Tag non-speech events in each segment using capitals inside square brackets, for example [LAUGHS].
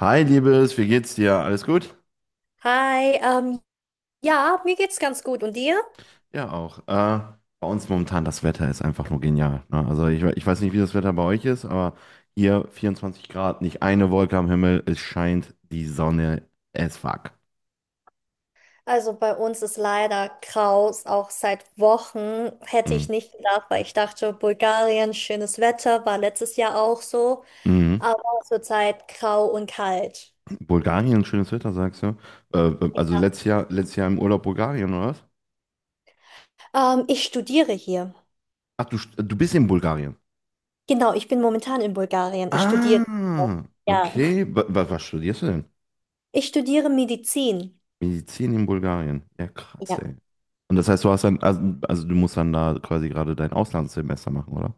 Hi, Liebes, wie geht's dir? Alles gut? Hi, ja, mir geht's ganz gut. Und dir? Ja, auch. Bei uns momentan das Wetter ist einfach nur genial. Ne? Also ich weiß nicht, wie das Wetter bei euch ist, aber hier 24 Grad, nicht eine Wolke am Himmel, es scheint die Sonne as fuck. Also bei uns ist leider Kraus, auch seit Wochen hätte Mhm. ich nicht gedacht, weil ich dachte, Bulgarien, schönes Wetter, war letztes Jahr auch so, Mhm. aber zurzeit grau und kalt. Bulgarien, schönes Wetter, sagst du? Also letztes Jahr im Urlaub Bulgarien, oder was? Ich studiere hier. Ach, du bist in Bulgarien. Genau, ich bin momentan in Bulgarien. Ich studiere. Ah, Ja, okay. Was studierst du denn? ich studiere Medizin. Medizin in Bulgarien. Ja, krass, Ja. ey. Und das heißt, du hast dann, also du musst dann da quasi gerade dein Auslandssemester machen, oder?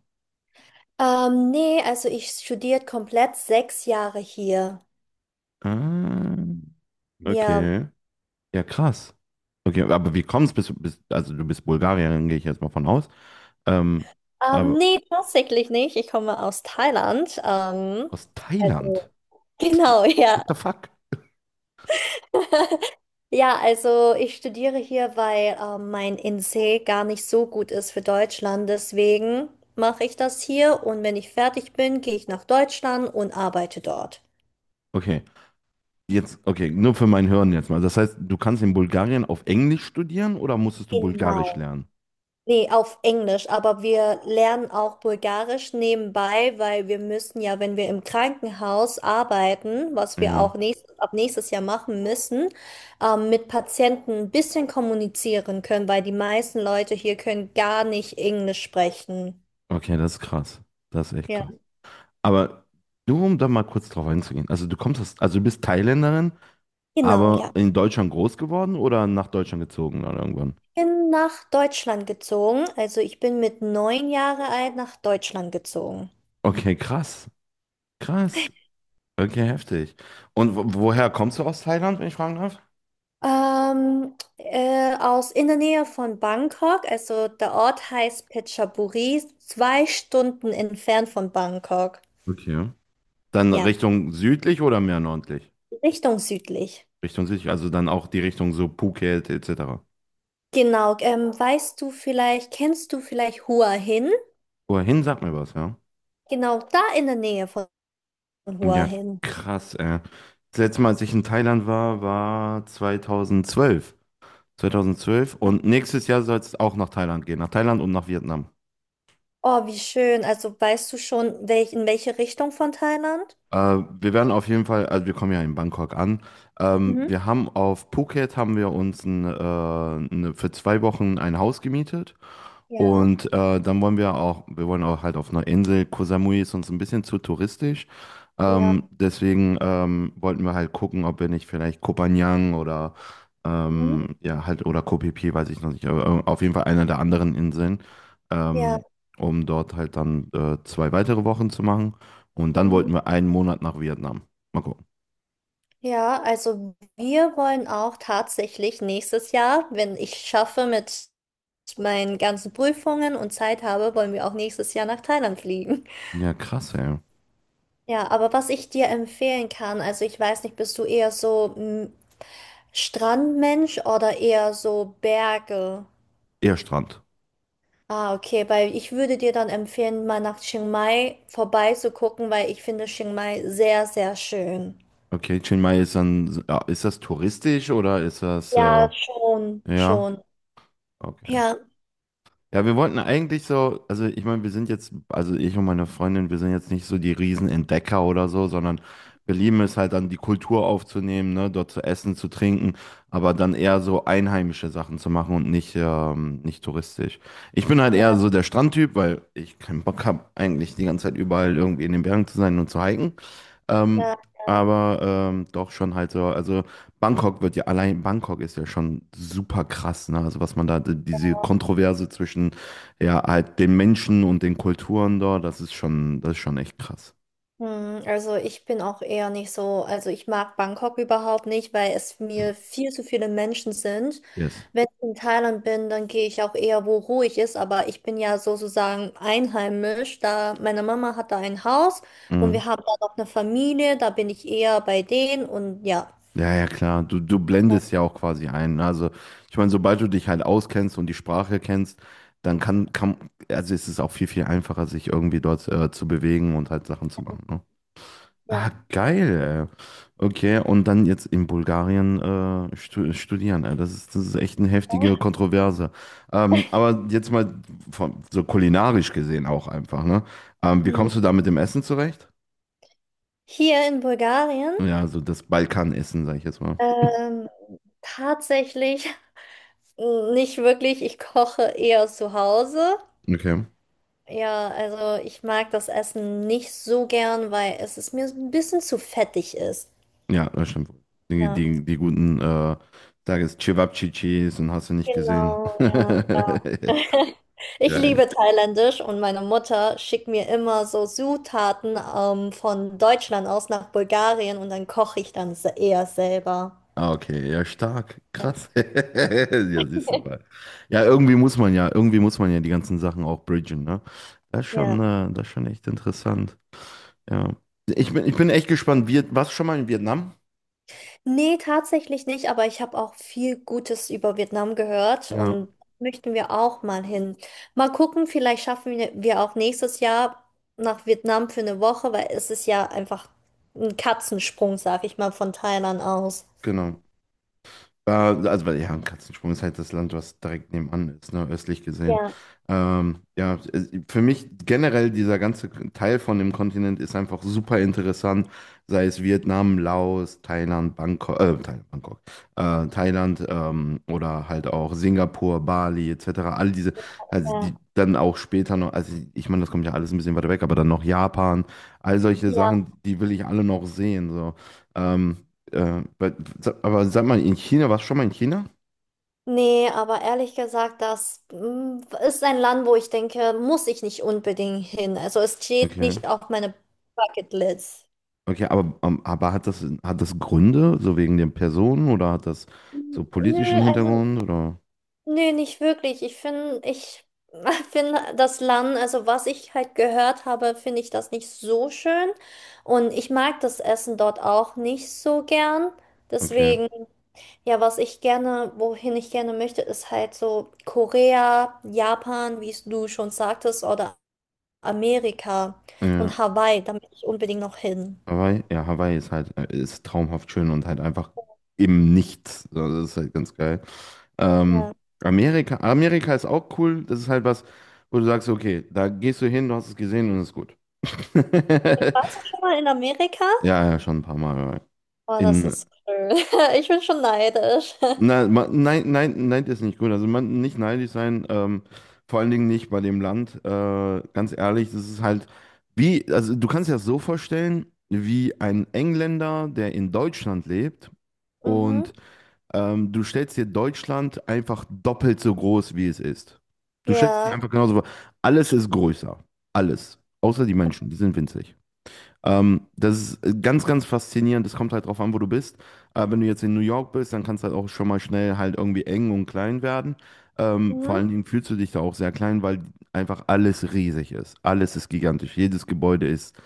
Nee, also ich studiere komplett 6 Jahre hier. Ah, Ja. okay. Ja, krass. Okay, aber wie kommst also du bist Bulgarierin, gehe ich jetzt mal von aus. Ähm, aber Nee, tatsächlich nicht. Ich komme aus Thailand. Aus Thailand? Also, genau, ja. What the fuck? [LAUGHS] Ja, also ich studiere hier, weil mein NC gar nicht so gut ist für Deutschland. Deswegen mache ich das hier und wenn ich fertig bin, gehe ich nach Deutschland und arbeite dort. Okay, jetzt, okay, nur für mein Hören jetzt mal. Das heißt, du kannst in Bulgarien auf Englisch studieren oder musstest du Bulgarisch Genau. lernen? Nee, auf Englisch, aber wir lernen auch Bulgarisch nebenbei, weil wir müssen ja, wenn wir im Krankenhaus arbeiten, was wir Ja. auch nächst, ab nächstes Jahr machen müssen, mit Patienten ein bisschen kommunizieren können, weil die meisten Leute hier können gar nicht Englisch sprechen. Okay, das ist krass. Das ist echt Ja. krass. Aber nur um da mal kurz drauf einzugehen. Also du bist Thailänderin, Genau, aber ja. in Deutschland groß geworden oder nach Deutschland gezogen oder irgendwann? Ich bin nach Deutschland gezogen. Also ich bin mit 9 Jahre alt nach Deutschland gezogen. Okay, krass. Krass. Okay, heftig. Und woher kommst du aus Thailand, wenn ich fragen darf? Aus in der Nähe von Bangkok, also der Ort heißt Phetchaburi, 2 Stunden entfernt von Bangkok. Okay. Dann Ja, Richtung südlich oder mehr nördlich? Richtung südlich. Richtung südlich, also dann auch die Richtung so Phuket etc. Genau, weißt du vielleicht, kennst du vielleicht Hua Hin? Wohin sagt mir was, ja? Genau, da in der Nähe von Hua Ja, Hin. krass, ey. Das letzte Mal, als ich in Thailand war, war 2012. 2012. Und nächstes Jahr soll es auch nach Thailand gehen, nach Thailand und nach Vietnam. Oh, wie schön. Also weißt du schon, welch, in welche Richtung von Thailand? Wir werden auf jeden Fall, also wir kommen ja in Bangkok an. Mhm. Wir haben auf Phuket haben wir uns für 2 Wochen ein Haus gemietet. Ja, Und dann wollen wir auch, wir wollen auch halt auf einer Insel. Koh Samui ist uns ein bisschen zu touristisch. ja, Deswegen wollten wir halt gucken, ob wir nicht vielleicht Koh Phangan oder mhm. Ja halt oder Koh Phi Phi, weiß ich noch nicht, aber auf jeden Fall einer der anderen Inseln, Ja. ähm, um dort halt dann 2 weitere Wochen zu machen. Und dann Mhm. wollten wir einen Monat nach Vietnam. Mal gucken. Ja, also wir wollen auch tatsächlich nächstes Jahr, wenn ich schaffe mit meinen ganzen Prüfungen und Zeit habe, wollen wir auch nächstes Jahr nach Thailand fliegen. [LAUGHS] Ja, krass, ey. Ja, aber was ich dir empfehlen kann, also ich weiß nicht, bist du eher so Strandmensch oder eher so Berge? Eher Strand. Ah, okay, weil ich würde dir dann empfehlen, mal nach Chiang Mai vorbeizugucken, weil ich finde Chiang Mai sehr, sehr schön. Okay, Chiang Mai ist dann, ja, ist das touristisch oder ist das, Ja, schon, ja, schon. okay. Ja, Ja, wir wollten eigentlich so, also ich meine, wir sind jetzt, also ich und meine Freundin, wir sind jetzt nicht so die Riesenentdecker oder so, sondern wir lieben es halt dann die Kultur aufzunehmen, ne, dort zu essen, zu trinken, aber dann eher so einheimische Sachen zu machen und nicht touristisch. Ich bin halt eher ja, so der Strandtyp, weil ich keinen Bock habe, eigentlich die ganze Zeit überall irgendwie in den Bergen zu sein und zu hiken. Ähm, ja. aber doch schon halt so, also allein Bangkok ist ja schon super krass, ne? Also was man da, die- diese Kontroverse zwischen ja halt den Menschen und den Kulturen dort, das ist schon echt krass. Hm, also ich bin auch eher nicht so, also ich mag Bangkok überhaupt nicht, weil es mir viel zu viele Menschen sind. Yes. Wenn ich in Thailand bin, dann gehe ich auch eher, wo ruhig ist, aber ich bin ja sozusagen einheimisch, da meine Mama hat da ein Haus und Mhm. wir haben da noch eine Familie, da bin ich eher bei denen und ja. Ja, ja, klar. Du blendest ja auch quasi ein, ne? Also, ich meine, sobald du dich halt auskennst und die Sprache kennst, dann also ist es auch viel, viel einfacher, sich irgendwie dort zu bewegen und halt Sachen zu machen, ne? Ah, Ja. geil, ey. Okay, und dann jetzt in Bulgarien studieren. Ey. Das ist echt eine heftige Kontroverse. Aber jetzt mal so kulinarisch gesehen auch einfach, ne? Wie Hm. kommst du da mit dem Essen zurecht? Hier in Bulgarien, Ja, so das Balkanessen, sag ich jetzt mal. ähm, tatsächlich [LAUGHS] nicht wirklich, ich koche eher zu Hause. Okay. Ja, also ich mag das Essen nicht so gern, weil es ist mir so ein bisschen zu fettig ist. Ja, das stimmt. Die, Ja, die, die guten, sag es, Cevapcicis und hast du nicht gesehen. genau, ja, [LAUGHS] ja. [LAUGHS] Ich Geil. liebe Thailändisch und meine Mutter schickt mir immer so Zutaten von Deutschland aus nach Bulgarien und dann koche ich dann eher selber. Ah, okay, ja, stark, krass. [LAUGHS] Ja, siehst du mal. Ja, irgendwie muss man ja die ganzen Sachen auch bridgen, ne? Das ist schon, Ja. äh, das ist schon echt interessant. Ja. Ich bin echt gespannt. Warst du schon mal in Vietnam? Nee, tatsächlich nicht, aber ich habe auch viel Gutes über Vietnam gehört Ja, und möchten wir auch mal hin. Mal gucken, vielleicht schaffen wir auch nächstes Jahr nach Vietnam für 1 Woche, weil es ist ja einfach ein Katzensprung, sag ich mal, von Thailand aus. genau. Ja, also, weil, ja, Katzensprung ist halt das Land, was direkt nebenan ist, ne, östlich gesehen. Ja, Ja, für mich generell dieser ganze Teil von dem Kontinent ist einfach super interessant, sei es Vietnam, Laos, Thailand, Bangkok, Thailand, Bangkok, Thailand oder halt auch Singapur, Bali etc. All diese, also ja, die dann auch später noch, also ich meine, das kommt ja alles ein bisschen weiter weg, aber dann noch Japan, all solche ja. Sachen, die will ich alle noch sehen, so. Ähm, äh, bei- aber sag mal, in China, warst du schon mal in China? Nee, aber ehrlich gesagt, ist ein Land, wo ich denke, muss ich nicht unbedingt hin. Also es steht Okay. nicht auf meiner Bucketlist. Okay, aber hat das, Gründe, so wegen den Personen oder hat das so politischen Nö, also Hintergrund oder? Nee, nicht wirklich. Ich finde, ich [LAUGHS] finde das Land, also was ich halt gehört habe, finde ich das nicht so schön. Und ich mag das Essen dort auch nicht so gern. Okay. Deswegen, ja, was ich gerne, wohin ich gerne möchte, ist halt so Korea, Japan, wie es du schon sagtest, oder Amerika Ja, und Hawaii. Da möchte ich unbedingt noch hin. Ja, Hawaii ist traumhaft schön und halt einfach im Nichts. So, das ist halt ganz geil. Ähm, Ja. Amerika ist auch cool. Das ist halt was, wo du sagst, okay, da gehst du hin, du hast es gesehen und ist gut. [LAUGHS] Warst du schon mal in Amerika? Ja, ja, schon ein paar Mal, ja. Oh, das In, ist schön. [LAUGHS] Ich bin schon neidisch. [LAUGHS] nein, nein, nein, das ist nicht gut. Also man nicht neidisch sein, vor allen Dingen nicht bei dem Land. Ganz ehrlich, das ist halt wie, also du kannst dir das so vorstellen, wie ein Engländer, der in Deutschland lebt Mhm. und du stellst dir Deutschland einfach doppelt so groß, wie es ist. Du stellst dir Ja. einfach genauso vor. Alles ist größer. Alles. Außer die Menschen, die sind winzig. Das ist ganz, ganz faszinierend. Das kommt halt drauf an, wo du bist. Wenn du jetzt in New York bist, dann kann es halt auch schon mal schnell halt irgendwie eng und klein werden. Vor Mhm. allen Dingen fühlst du dich da auch sehr klein, weil einfach alles riesig ist. Alles ist gigantisch. Jedes Gebäude ist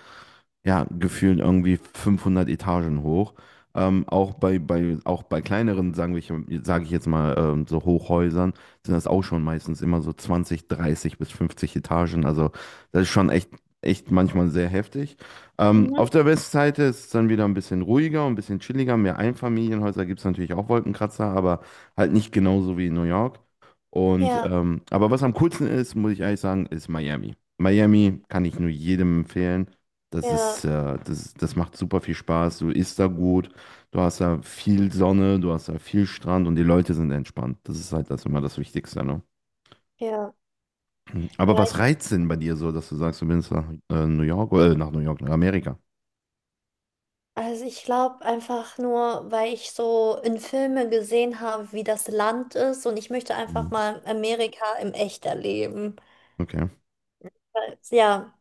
ja, gefühlt irgendwie 500 Etagen hoch. Auch auch bei kleineren, sagen wir, sage ich jetzt mal, so Hochhäusern, sind das auch schon meistens immer so 20, 30 bis 50 Etagen. Also das ist schon echt, echt manchmal sehr heftig. Mhm. Auf der Westseite ist es dann wieder ein bisschen ruhiger und ein bisschen chilliger. Mehr Einfamilienhäuser gibt es natürlich auch Wolkenkratzer, aber halt nicht genauso wie in New York. Und Ja, aber was am coolsten ist, muss ich ehrlich sagen, ist Miami. Miami kann ich nur jedem empfehlen. Das ja, ist, äh, das, das macht super viel Spaß. Du isst da gut, du hast da viel Sonne, du hast da viel Strand und die Leute sind entspannt. Das ist halt das immer das Wichtigste, ne? ja, ja. Aber was Ich, reizt denn bei dir so, dass du sagst, du willst nach New York nach Amerika? also ich glaube einfach nur, weil ich so in Filmen gesehen habe, wie das Land ist und ich möchte einfach Mhm. mal Amerika im Echt erleben. Okay, Ja,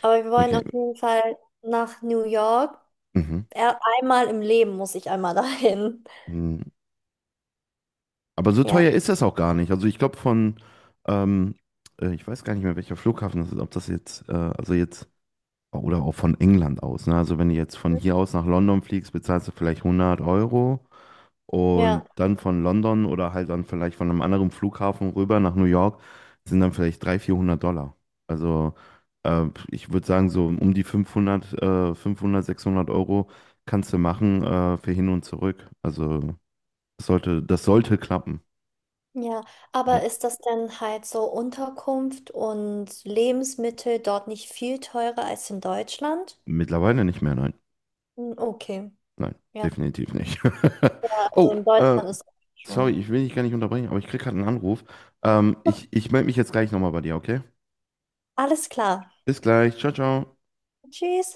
aber wir wollen okay. auf jeden Fall nach New York. Mhm. Einmal im Leben muss ich einmal [LAUGHS] dahin. Mhm. Aber so Ja, teuer ist das auch gar nicht. Also ich glaube ähm, ich weiß gar nicht mehr, welcher Flughafen das ist, ob das jetzt, also jetzt, oder auch von England aus, ne? Also wenn du jetzt von hier aus nach London fliegst, bezahlst du vielleicht 100 Euro. ja, Und dann von London oder halt dann vielleicht von einem anderen Flughafen rüber nach New York sind dann vielleicht 300, 400 Dollar. Also äh, ich würde sagen, so um die 500 500, 600 € kannst du machen für hin und zurück. Also das sollte klappen. ja. Aber Hm, ist das denn halt so Unterkunft und Lebensmittel dort nicht viel teurer als in Deutschland? Mittlerweile nicht mehr, nein. Hm, okay. Nein, Ja. definitiv nicht. Ja, [LAUGHS] also Oh, in Deutschland ist es sorry, schon. ich will dich gar nicht unterbrechen, aber ich krieg gerade einen Anruf. Okay, ich melde mich jetzt gleich nochmal bei dir, okay? alles klar. Bis gleich. Ciao, ciao. Tschüss.